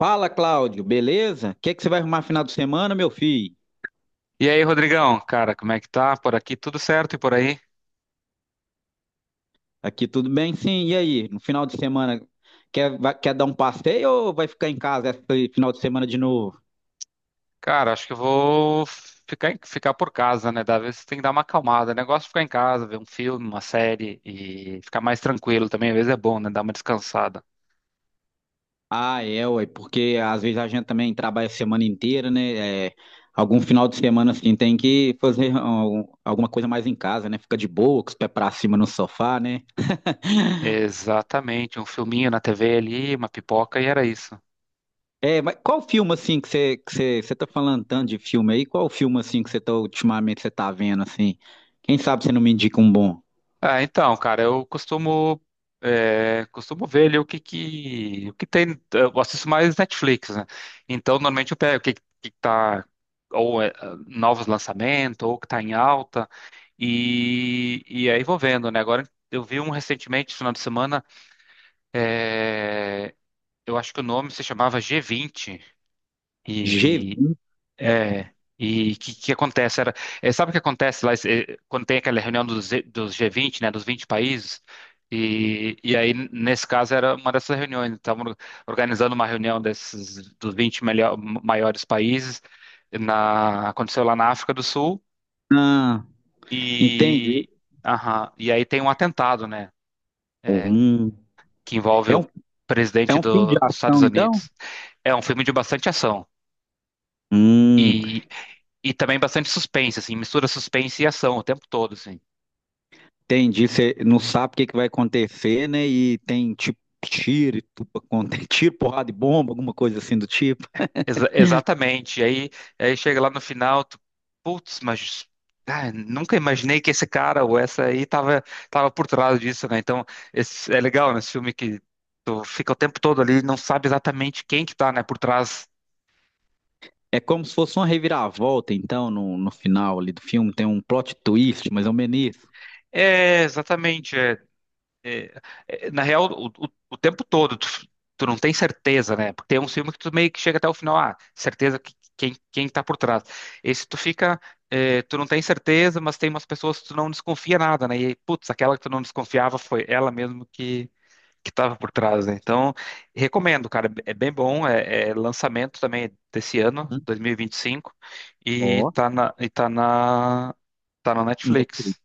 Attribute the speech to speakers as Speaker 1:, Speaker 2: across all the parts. Speaker 1: Fala, Cláudio, beleza? O que que você vai arrumar final de semana, meu filho?
Speaker 2: E aí, Rodrigão, cara, como é que tá? Por aqui tudo certo e por aí?
Speaker 1: Aqui tudo bem, sim. E aí, no final de semana, quer dar um passeio ou vai ficar em casa esse final de semana de novo?
Speaker 2: Cara, acho que eu vou ficar, ficar por casa, né? Da vez tem que dar uma acalmada. O negócio é ficar em casa, ver um filme, uma série e ficar mais tranquilo também. Às vezes é bom, né? Dar uma descansada.
Speaker 1: Ah, é, ué, porque às vezes a gente também trabalha a semana inteira, né? É, algum final de semana, assim, tem que fazer alguma coisa mais em casa, né? Fica de boa, com os pés pra cima no sofá, né?
Speaker 2: Exatamente, um filminho na TV ali, uma pipoca e era isso.
Speaker 1: É, mas qual filme, assim, que você tá falando tanto de filme aí? Qual filme, assim, ultimamente, você tá vendo, assim? Quem sabe você não me indica um bom?
Speaker 2: Ah, então, cara, eu costumo costumo ver ali o que tem, eu assisto mais Netflix, né? Então, normalmente eu pego o que que tá ou novos lançamentos ou o que tá em alta e aí vou vendo, né? Agora eu vi um recentemente, esse final de semana, é, eu acho que o nome se chamava g vinte e
Speaker 1: G20,
Speaker 2: é, e o que, que acontece? Era, é, sabe o que acontece lá, é, quando tem aquela reunião dos G20, né, dos 20 países? E aí, nesse caso, era uma dessas reuniões. Estavam organizando uma reunião desses, dos maiores países. Aconteceu lá na África do Sul.
Speaker 1: entendi.
Speaker 2: E, aham, e aí tem um atentado, né, é,
Speaker 1: Hum,
Speaker 2: que envolve
Speaker 1: é um,
Speaker 2: o
Speaker 1: é
Speaker 2: presidente
Speaker 1: um filme de
Speaker 2: do- dos Estados
Speaker 1: ação, então?
Speaker 2: Unidos. É um filme de bastante ação.
Speaker 1: Hum,
Speaker 2: E também bastante suspense, assim, mistura suspense e ação o tempo todo, assim.
Speaker 1: entendi. Você não sabe o que, que vai acontecer, né? E tem tipo tiro, e tudo acontece, tiro, porrada e bomba, alguma coisa assim do tipo.
Speaker 2: Exatamente. Aí, aí chega lá no final, tu, putz, mas ah, nunca imaginei que esse cara ou essa aí tava, tava por trás disso, né? Então, esse, é legal nesse filme que tu fica o tempo todo ali e não sabe exatamente quem que tá, né, por trás.
Speaker 1: É como se fosse uma reviravolta, então, no final ali do filme. Tem um plot twist, mas é um menis.
Speaker 2: É, exatamente. É. É, é, na real, o tempo todo, tu, tu não tem certeza, né? Porque tem um filme que tu meio que chega até o final, ah, certeza que, quem, quem tá por trás. Esse tu fica, é, tu não tem certeza, mas tem umas pessoas que tu não desconfia nada, né? E, putz, aquela que tu não desconfiava foi ela mesmo que tava por trás, né? Então, recomendo, cara, é bem bom, é, é lançamento também desse ano, 2025, e vinte e cinco,
Speaker 1: Ó,
Speaker 2: e tá na, tá na
Speaker 1: né?
Speaker 2: Netflix.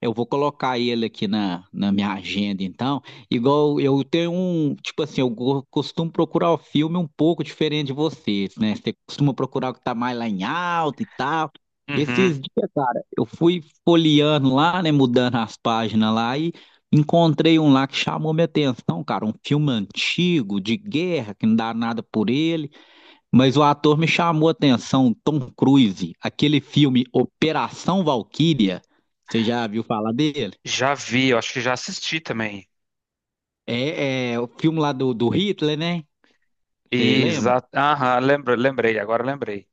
Speaker 1: Eu vou colocar ele aqui na minha agenda, então. Igual eu tenho um, tipo assim, costumo procurar o filme um pouco diferente de vocês, né? Você costuma procurar o que tá mais lá em alta e tal. Esses
Speaker 2: Uhum.
Speaker 1: dias, cara, eu fui folheando lá, né, mudando as páginas lá e encontrei um lá que chamou minha atenção, cara, um filme antigo de guerra que não dá nada por ele. Mas o ator me chamou a atenção, Tom Cruise, aquele filme Operação Valquíria, você já viu falar dele?
Speaker 2: Já vi, eu acho que já assisti também.
Speaker 1: É, é o filme lá do Hitler, né? Você.
Speaker 2: Exato. Aham, lembrei, agora lembrei.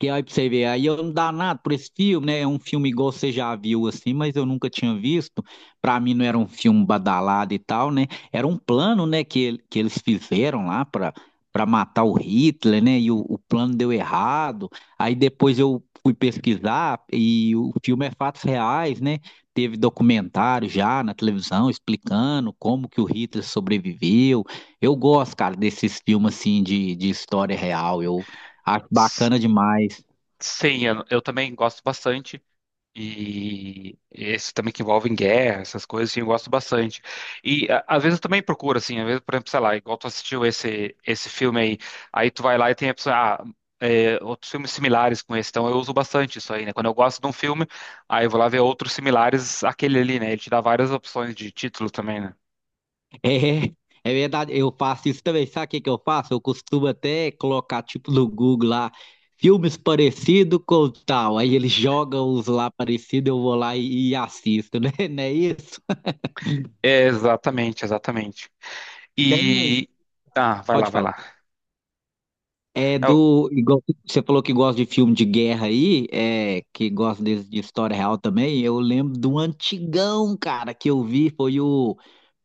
Speaker 1: Que aí pra você ver, aí eu não dá nada por esse filme, né? É um filme igual você já viu assim, mas eu nunca tinha visto. Pra mim não era um filme badalado e tal, né? Era um plano, né, que, que eles fizeram lá pra matar o Hitler, né? E o plano deu errado. Aí depois eu fui pesquisar e o filme é fatos reais, né? Teve documentário já na televisão explicando como que o Hitler sobreviveu. Eu gosto, cara, desses filmes assim de história real. Eu acho
Speaker 2: S-
Speaker 1: bacana demais.
Speaker 2: Sim, eu também gosto bastante. E esse também que envolve em guerra, essas coisas, assim, eu gosto bastante. E às vezes eu também procuro, assim, às vezes, por exemplo, sei lá, igual tu assistiu esse filme aí, aí tu vai lá e tem a pessoa, ah, é, outros filmes similares com esse, então eu uso bastante isso aí, né? Quando eu gosto de um filme, aí eu vou lá ver outros similares àquele ali, né? Ele te dá várias opções de título também, né?
Speaker 1: É, é verdade, eu faço isso também. Sabe o que que eu faço? Eu costumo até colocar, tipo, no Google lá, filmes parecidos com tal. Aí eles jogam os lá parecidos, eu vou lá e assisto, né? Não é isso?
Speaker 2: É, exatamente, exatamente.
Speaker 1: Tem um.
Speaker 2: E. Ah, vai lá,
Speaker 1: Pode
Speaker 2: vai
Speaker 1: falar.
Speaker 2: lá.
Speaker 1: É
Speaker 2: É o-
Speaker 1: do. Você falou que gosta de filme de guerra aí, é, que gosta de história real também. Eu lembro do antigão, cara, que eu vi, foi o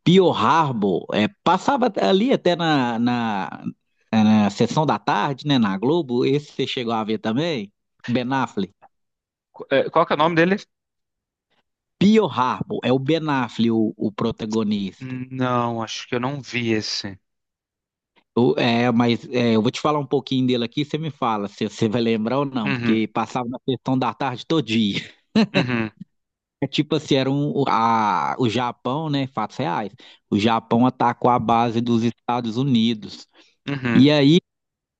Speaker 1: Pearl Harbor, é, passava ali até na sessão da tarde, né, na Globo, esse você chegou a ver também? Ben Affleck.
Speaker 2: É, qual que é o nome dele?
Speaker 1: Pearl Harbor, é o Ben Affleck o protagonista.
Speaker 2: Não, acho que eu não vi esse.
Speaker 1: É, mas é, eu vou te falar um pouquinho dele aqui, você me fala se você vai lembrar ou não,
Speaker 2: Uhum,
Speaker 1: porque passava na sessão da tarde todo dia.
Speaker 2: uhum,
Speaker 1: É tipo assim, era o Japão, né, fatos reais, o Japão atacou a base dos Estados Unidos.
Speaker 2: uhum.
Speaker 1: E aí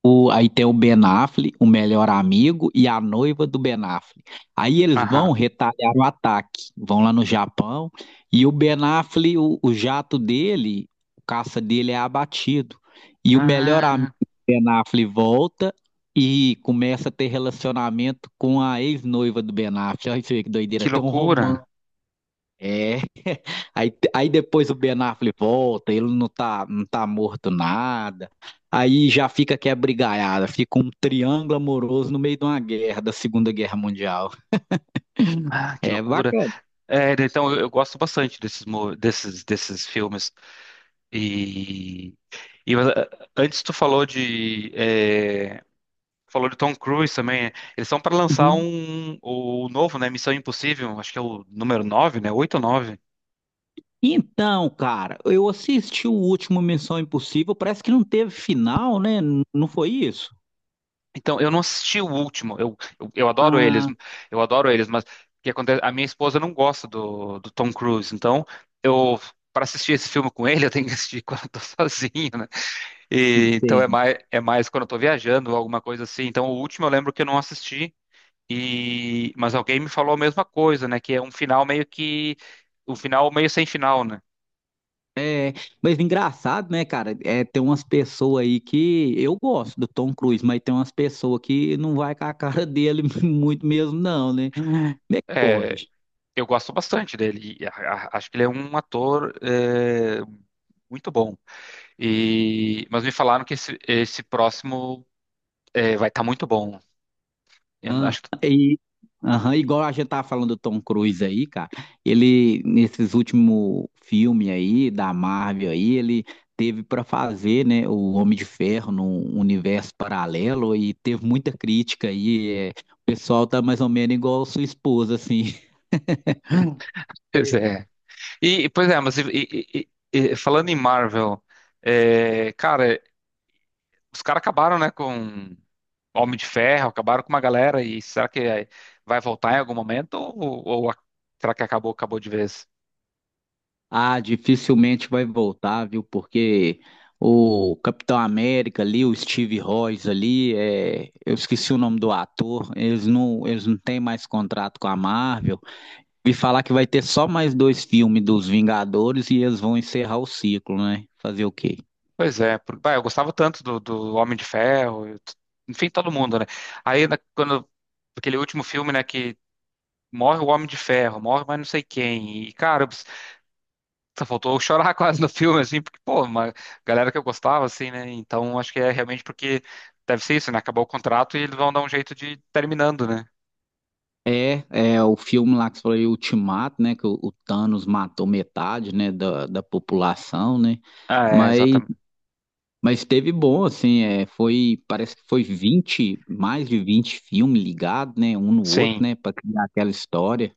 Speaker 1: Aí tem o Ben Affleck, o melhor amigo e a noiva do Ben Affleck. Aí eles vão
Speaker 2: Aham.
Speaker 1: retalhar o ataque, vão lá no Japão e o Ben Affleck, o jato dele, o caça dele é abatido. E o melhor amigo
Speaker 2: Ah,
Speaker 1: do Ben Affleck volta e começa a ter relacionamento com a ex-noiva do Ben Affleck. Olha isso aí que doideira,
Speaker 2: que
Speaker 1: tem um romance.
Speaker 2: loucura.
Speaker 1: É, aí depois o Ben Affleck volta, ele não tá, não tá morto nada, aí já fica que é brigaiada, fica um triângulo amoroso no meio de uma guerra, da Segunda Guerra Mundial.
Speaker 2: Ah, que
Speaker 1: É
Speaker 2: loucura.
Speaker 1: bacana.
Speaker 2: É, então, eu gosto bastante desses, desses filmes. E, e ah, antes tu falou de... é, falou de Tom Cruise também. Eles são para lançar
Speaker 1: Uhum.
Speaker 2: um, o novo, né? Missão Impossível. Acho que é o número 9, né? 8 ou 9?
Speaker 1: Então, cara, eu assisti o último Missão Impossível, parece que não teve final, né? Não foi isso?
Speaker 2: Então, eu não assisti o último.
Speaker 1: Ah,
Speaker 2: Eu adoro eles, mas o que acontece? A minha esposa não gosta do, do Tom Cruise, então eu para assistir esse filme com ele, eu tenho que assistir quando eu tô sozinho, né? E, então
Speaker 1: sei.
Speaker 2: é mais quando eu tô viajando, alguma coisa assim. Então, o último eu lembro que eu não assisti e mas alguém me falou a mesma coisa, né? Que é um final meio que um final meio sem final, né?
Speaker 1: É, mas engraçado, né, cara? É, tem umas pessoas aí que eu gosto do Tom Cruise, mas tem umas pessoas que não vai com a cara dele muito mesmo, não, né? Como é que
Speaker 2: É,
Speaker 1: pode?
Speaker 2: eu gosto bastante dele. E acho que ele é um ator é, muito bom. E, mas me falaram que esse próximo é, vai estar muito bom. Eu não-
Speaker 1: Ah,
Speaker 2: Acho que.
Speaker 1: e, aham, igual a gente tava falando do Tom Cruise aí, cara. Ele, nesses últimos filmes aí, da Marvel aí, ele teve pra fazer, né, o Homem de Ferro num universo paralelo e teve muita crítica aí. É, o pessoal tá mais ou menos igual a sua esposa, assim.
Speaker 2: Pois é. E, pois é, mas falando em Marvel, é, cara, os caras acabaram, né, com Homem de Ferro, acabaram com uma galera, e será que vai voltar em algum momento? Ou será que acabou, acabou de vez?
Speaker 1: Ah, dificilmente vai voltar, viu? Porque o Capitão América ali, o Steve Rogers ali, é, eu esqueci o nome do ator, eles não têm mais contrato com a Marvel. Vi falar que vai ter só mais dois filmes dos Vingadores e eles vão encerrar o ciclo, né? Fazer o quê?
Speaker 2: Pois é, bah, eu gostava tanto do, do Homem de Ferro, enfim, todo mundo, né? Aí, quando aquele último filme, né, que morre o Homem de Ferro, morre mais não sei quem, e cara, só faltou eu chorar quase no filme, assim, porque, pô, uma galera que eu gostava, assim, né? Então acho que é realmente porque deve ser isso, né? Acabou o contrato e eles vão dar um jeito de ir terminando, né?
Speaker 1: É, é o filme lá que você falou, aí, Ultimato, né? Que o Thanos matou metade, né, da população, né?
Speaker 2: Ah, é,
Speaker 1: Mas
Speaker 2: exatamente.
Speaker 1: Mas teve bom, assim, é, foi, parece que foi 20 mais de 20 filmes ligados, né, um no
Speaker 2: Sim.
Speaker 1: outro, né, para criar aquela história.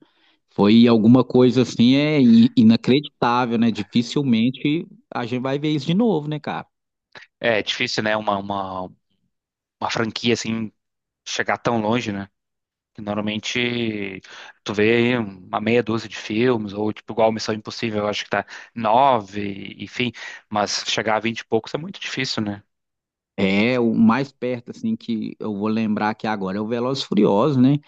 Speaker 1: Foi alguma coisa, assim, é inacreditável, né, dificilmente a gente vai ver isso de novo, né, cara?
Speaker 2: É difícil, né? Uma franquia, assim, chegar tão longe, né? Que normalmente tu vê aí uma meia dúzia de filmes, ou tipo, igual Missão Impossível, eu acho que tá nove, enfim, mas chegar a vinte e poucos é muito difícil, né?
Speaker 1: É, o mais perto, assim, que eu vou lembrar aqui agora é o Velozes e Furiosos, né,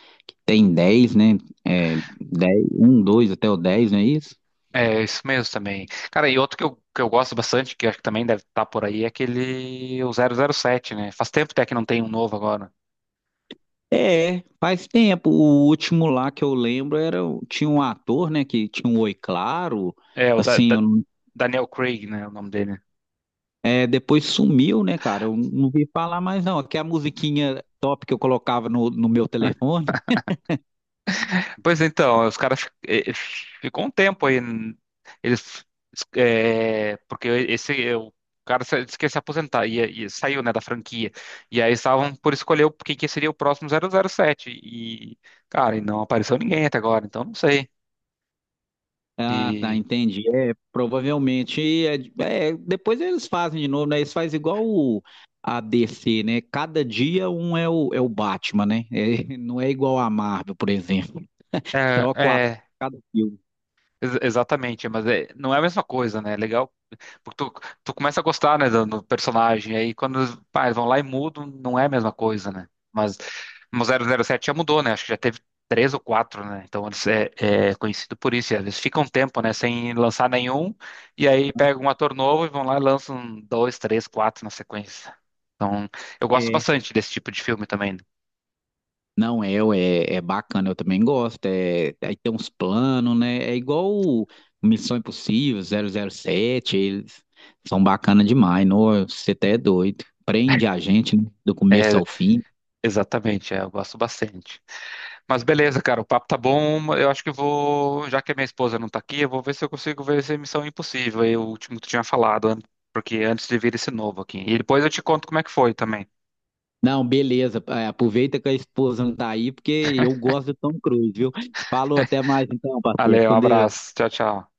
Speaker 1: tem 10, né? É, 10, um, dois até o 10, não é isso?
Speaker 2: É, isso mesmo também. Cara, e outro que eu gosto bastante, que acho que também deve estar por aí, é aquele o zero zero sete, né? Faz tempo até que não tem um novo agora.
Speaker 1: É, faz tempo. O último lá que eu lembro era tinha um ator, né, que tinha um Oi Claro,
Speaker 2: É,
Speaker 1: assim, eu não-
Speaker 2: Daniel Craig, né? O nome dele.
Speaker 1: é, depois sumiu, né, cara? Eu não vi falar mais não. Que a musiquinha top que eu colocava no meu telefone.
Speaker 2: Pois então, os caras fi- eh, ficou um tempo aí. N- Eles. Eh, porque esse. Eh, o cara se- disse que ia se aposentar e saiu, né, da franquia. E aí estavam por escolher quem que seria o próximo zero zero sete. E, cara, e não apareceu ninguém até agora, então não sei.
Speaker 1: Ah, tá,
Speaker 2: E.
Speaker 1: entendi. É, provavelmente é, é, depois eles fazem de novo, né? Eles fazem igual o a DC, né? Cada dia um é o Batman, né? É, não é igual a Marvel, por exemplo.
Speaker 2: É,
Speaker 1: Troca o ator
Speaker 2: é.
Speaker 1: a cada filme.
Speaker 2: Exatamente, mas não é a mesma coisa, né? É legal, porque tu, tu começa a gostar, né, do, do personagem, aí pá, eles vão lá e mudam, não é a mesma coisa, né? Mas zero zero sete já mudou, né? Acho que já teve três ou quatro, né? Então eles é, é conhecido por isso, e às vezes fica um tempo, né, sem lançar nenhum, e aí pega um ator novo e vão lá e lançam um, dois, três, quatro na sequência. Então eu gosto
Speaker 1: É.
Speaker 2: bastante desse tipo de filme também.
Speaker 1: Não, é, ué, é bacana, eu também gosto. É, aí tem uns planos, né? É igual o Missão Impossível, 007, eles são bacana demais. Nossa, você até é doido. Prende a gente, né, do começo ao fim.
Speaker 2: Exatamente, é, eu gosto bastante. Mas beleza, cara, o papo tá bom. Eu acho que eu vou, já que a minha esposa não tá aqui, eu vou ver se eu consigo ver esse Missão Impossível, aí, o último que tu tinha falado, an- porque antes de vir esse novo aqui. E depois eu te conto como é que foi também.
Speaker 1: Não, beleza. É, aproveita que a esposa não tá aí, porque eu gosto do Tom Cruise, viu? Falou, até mais então, parceiro.
Speaker 2: Valeu, um
Speaker 1: Com Deus.
Speaker 2: abraço. Tchau, tchau.